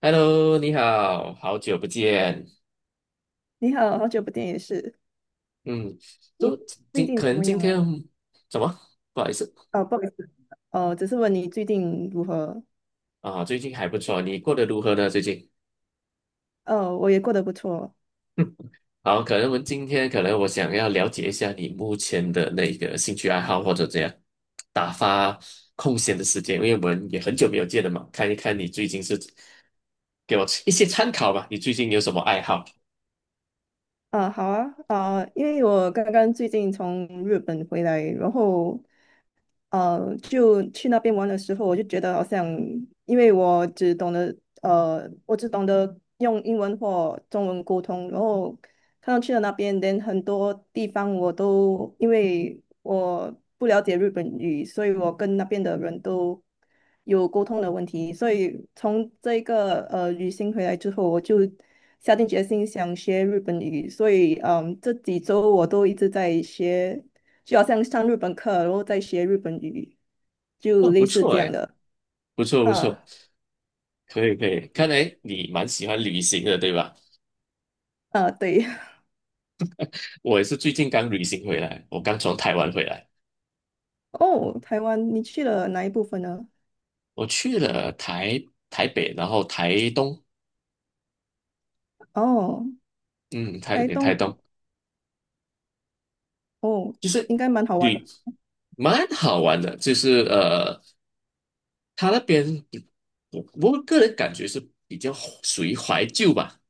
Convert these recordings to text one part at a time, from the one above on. Hello，你好，好久不见。你好，好久不见也是。嗯，你都最近可怎能么今样天啊？怎么？不好意思哦，不好意思，哦，只是问你最近如何？啊，最近还不错，你过得如何呢？哦，我也过得不错。好，可能我们今天可能我想要了解一下你目前的那个兴趣爱好或者怎样打发空闲的时间，因为我们也很久没有见了嘛，看一看你最近是给我一些参考吧，你最近有什么爱好？啊，好啊，啊，因为我刚刚最近从日本回来，然后就去那边玩的时候，我就觉得好像，因为我只懂得我只懂得用英文或中文沟通，然后看到去了那边，连很多地方我都因为我不了解日本语，所以我跟那边的人都有沟通的问题，所以从这一个旅行回来之后，我就下定决心想学日本语，所以嗯，这几周我都一直在学。就好像上日本课，然后再学日本语，就哦，不类似错这样哎，的。不错不错，啊可以可以，看来你蛮喜欢旅行的，对吧？啊，对。我也是最近刚旅行回来，我刚从台湾回来，哦，台湾，你去了哪一部分呢？我去了台北，然后台东，哦，嗯，台台北台东，东哦，就是应该蛮好玩旅的。蛮好玩的，就是他那边我我个人感觉是比较属于怀旧吧，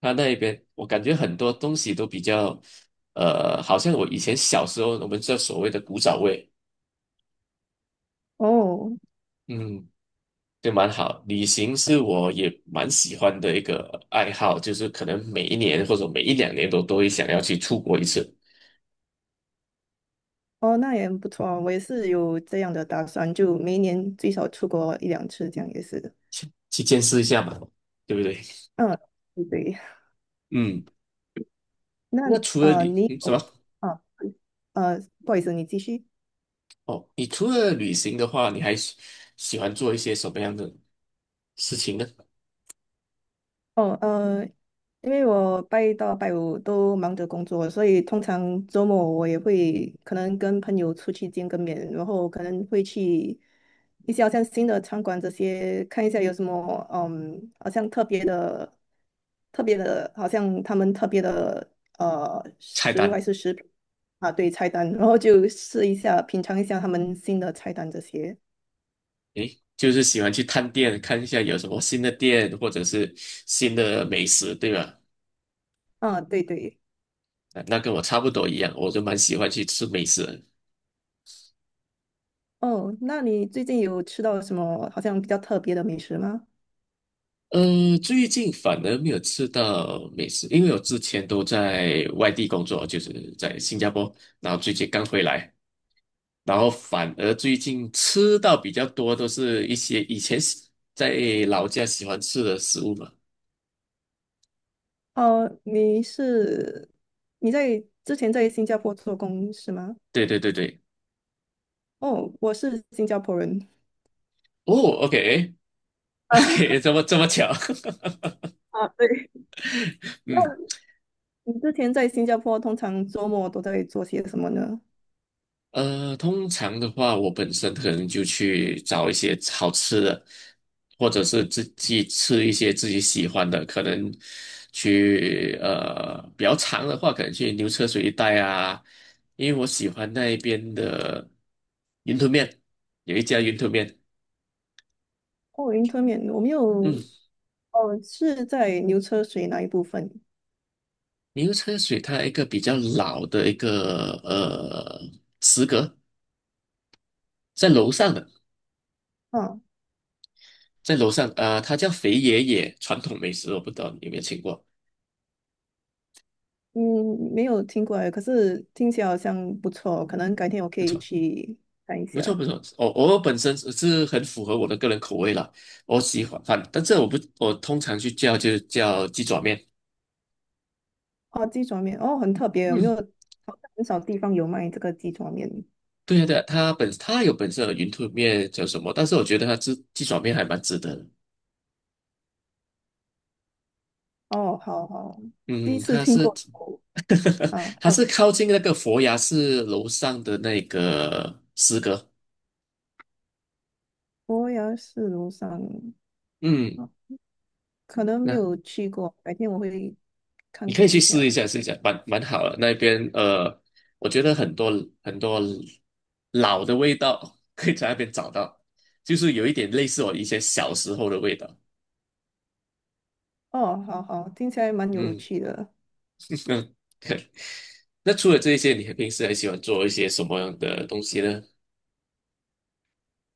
他那边我感觉很多东西都比较好像我以前小时候我们知道所谓的古早味，哦嗯，就蛮好。旅行是我也蛮喜欢的一个爱好，就是可能每一年或者每一两年都会想要去出国一次，哦，那也很不错啊。我也是有这样的打算，就每一年最少出国一两次，这样也是。去见识一下嘛，对不对？嗯，对。嗯，那那除了你什么？哦啊，呃，不好意思，你继续。哦，你除了旅行的话，你还喜欢做一些什么样的事情呢？哦，呃，因为我拜一到拜五都忙着工作，所以通常周末我也会可能跟朋友出去见个面，然后可能会去一些好像新的餐馆这些看一下有什么，嗯，好像特别的、特别的，好像他们特别的菜食物还单，是食品啊，对，菜单，然后就试一下，品尝一下他们新的菜单这些。诶，就是喜欢去探店，看一下有什么新的店或者是新的美食，对吧？啊，对对。啊那跟我差不多一样，我就蛮喜欢去吃美食的。哦，那你最近有吃到什么好像比较特别的美食吗？最近反而没有吃到美食，因为我之前都在外地工作，就是在新加坡，然后最近刚回来，然后反而最近吃到比较多都是一些以前在老家喜欢吃的食物嘛。哦，你是在之前在新加坡做工是吗？对对对对，哦，我是新加坡人。哦，OK，OK，啊，这么巧，啊，对，那嗯。你之前在新加坡通常周末都在做些什么呢？通常的话，我本身可能就去找一些好吃的，或者是自己吃一些自己喜欢的。可能去比较长的话，可能去牛车水一带啊，因为我喜欢那一边的云吞面，有一家云吞面。哦，云吞面，我没有，嗯，哦，是在牛车水那一部分牛车水它一个比较老的一个食阁，在楼上的，啊，在楼上啊、它叫肥爷爷传统美食，我不知道你有没有听过。嗯，没有听过哎，可是听起来好像不错哦，可能改天我可以去看一不错下。不错，我本身是很符合我的个人口味啦，我喜欢，反但这我不我通常去就叫鸡爪面，哦，鸡爪面，哦，很特别，有没有？嗯，好像很少地方有卖这个鸡爪面。对呀对呀，它有本身的云吞面叫什么，但是我觉得它鸡爪面还蛮值得的，哦，好好，第一嗯，次它听是 过 啊，它哦，是靠近那个佛牙寺楼上的那个诗歌，伯牙是庐山，嗯。啊可能没那。有去过，改天我会看你可以看一去下。试一下，试一下，蛮好的。那边我觉得很多很多老的味道可以在那边找到，就是有一点类似我一些小时候的味道。哦，好好，听起来蛮有嗯，趣的。嗯。那除了这些，你平时还喜欢做一些什么样的东西呢？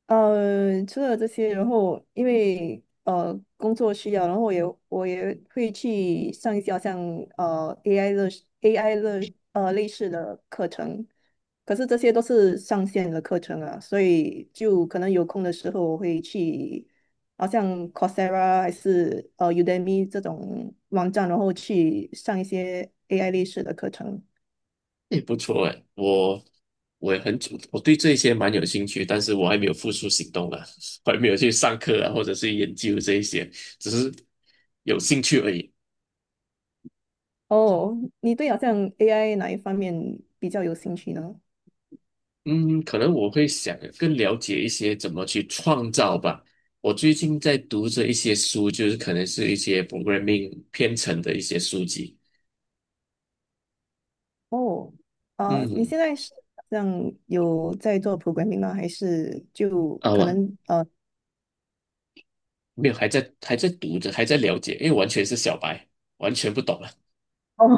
除了这些，然后因为工作需要，然后我也我也会去上一些好像AI 的 AI 的类似的课程，可是这些都是上线的课程啊，所以就可能有空的时候我会去，好像 Coursera 还是Udemy 这种网站，然后去上一些 AI 类似的课程。也不错哎，我我也很主，我对这些蛮有兴趣，但是我还没有付出行动啊，我还没有去上课啊，或者是研究这一些，只是有兴趣而已。哦，你对好像 AI 哪一方面比较有兴趣呢？嗯，可能我会想更了解一些怎么去创造吧。我最近在读着一些书，就是可能是一些 programming 编程的一些书籍。哦，你嗯，现在是好像有在做 programming 吗？还是就啊，可我能呃，没有，还在读着，还在了解，因为完全是小白，完全不懂。哦，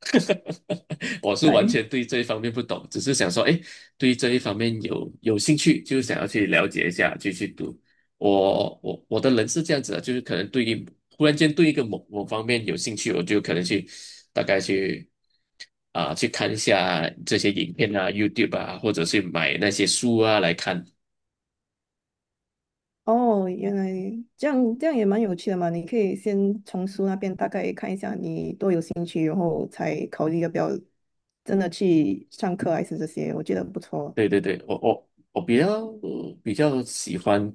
我是完对，全对这一方面不懂，只是想说，哎，对这一方面有兴趣，就想要去了解一下，就去读。我的人是这样子的，就是可能对于忽然间对一个某某方面有兴趣，我就可能去大概去啊、去看一下这些影片啊、YouTube 啊，或者是买那些书啊来看。哦，原来这样，这样也蛮有趣的嘛。你可以先从书那边大概看一下你多有兴趣，然后才考虑要不要真的去上课还是这些，我觉得不错。对对对，我比较喜欢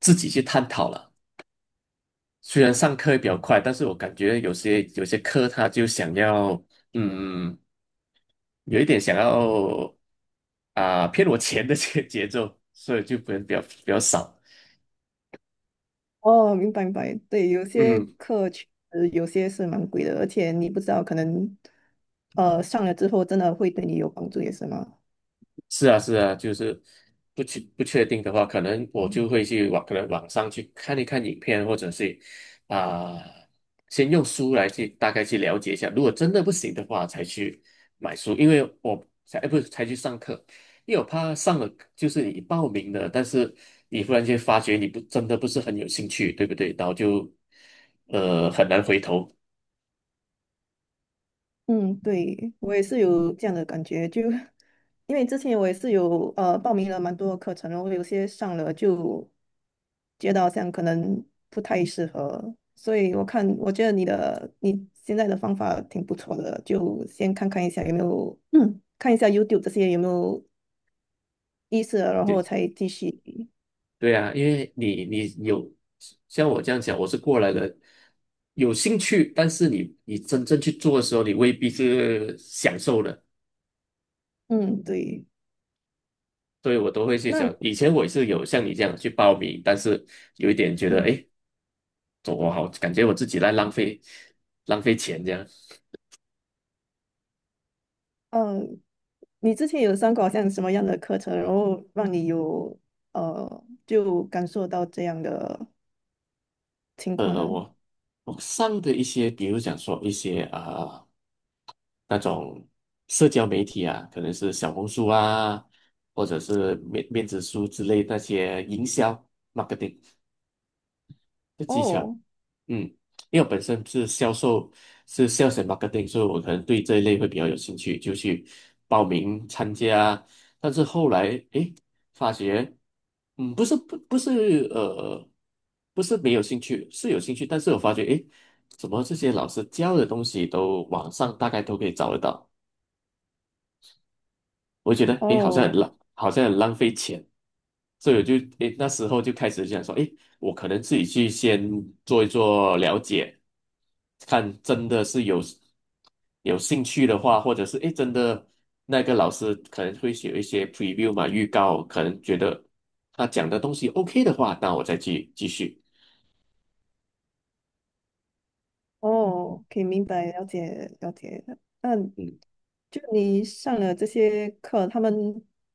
自己去探讨了。虽然上课比较快，但是我感觉有些课他就想要，嗯，有一点想要啊、骗我钱的这个节奏，所以就不能比较少。哦，明白明白，对，有些嗯。课确实有些是蛮贵的，而且你不知道可能上了之后真的会对你有帮助，也是吗？是啊，是啊，就是不确定的话，可能我就会可能网上去看一看影片，或者是啊、先用书来去大概去了解一下。如果真的不行的话，才去买书，因为我才，哎不是才去上课，因为我怕上了就是你报名了，但是你忽然间发觉你不真的不是很有兴趣，对不对？然后就很难回头。嗯，对，我也是有这样的感觉，就因为之前我也是有报名了蛮多课程，然后有些上了就觉得好像可能不太适合，所以我看我觉得你的现在的方法挺不错的，就先看看一下有没有嗯看一下 YouTube 这些有没有意思，然对。后才继续。对啊，因为你有像我这样讲，我是过来人，有兴趣，但是你真正去做的时候，你未必是享受的，嗯，对，所以我都会去那想，嗯。以前我也是有像你这样去报名，但是有一点觉得，哎，走我好，感觉我自己在浪费钱这样。嗯，你之前有上过好像什么样的课程，然后让你有就感受到这样的情况呃，呢？我我上的一些，比如讲说一些啊。那种社交媒体啊，可能是小红书啊，或者是面子书之类那些营销 marketing 的技巧。哦嗯，因为我本身是销售，是 sales and marketing，所以我可能对这一类会比较有兴趣，就去报名参加。但是后来，诶，发觉，不是不是不是没有兴趣，是有兴趣，但是我发觉，诶，怎么这些老师教的东西都网上大概都可以找得到。我觉得诶，哦好像很浪费钱，所以我就诶那时候就开始想说，诶，我可能自己去先做一做了解，看真的是有兴趣的话，或者是诶真的那个老师可能会写一些 preview 嘛，预告，可能觉得他讲的东西 OK 的话，那我再去继续，哦，可以明白了解了解。那嗯就你上了这些课，他们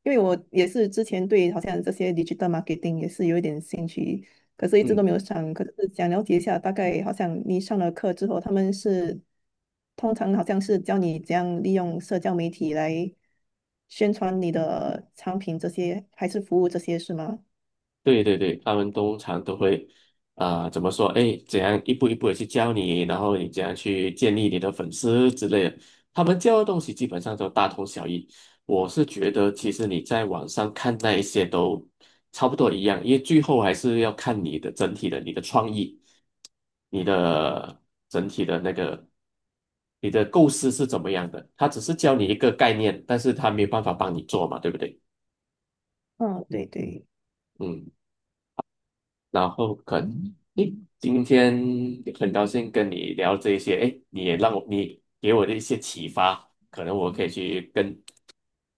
因为我也是之前对好像这些 digital marketing 也是有一点兴趣，可是一直都嗯。没有上。可是想了解一下，大概好像你上了课之后，他们是通常好像是教你怎样利用社交媒体来宣传你的产品这些，还是服务这些，是吗？对对对，他们通常都会，怎么说？哎，怎样一步一步的去教你，然后你怎样去建立你的粉丝之类的。他们教的东西基本上都大同小异。我是觉得，其实你在网上看那一些都差不多一样，因为最后还是要看你的整体的你的创意，你的整体的那个，你的构思是怎么样的。他只是教你一个概念，但是他没有办法帮你做嘛，对不对？嗯，对对。嗯。然后可能，诶，今天很高兴跟你聊这一些，诶，你给我的一些启发，可能我可以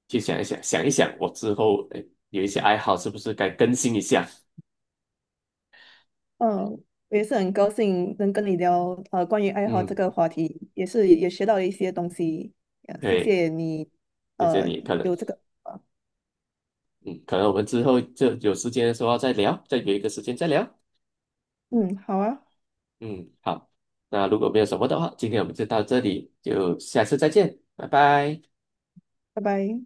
去想一想，想一想我之后，诶，有一些爱好是不是该更新一下？嗯，我也是很高兴能跟你聊关于爱好这嗯，个话题，也是也学到了一些东西，谢对，谢你，谢谢呃，你，有这个，可能我们之后就有时间的时候再聊，再约一个时间再聊。嗯，好啊，嗯，好，那如果没有什么的话，今天我们就到这里，就下次再见，拜拜。拜拜。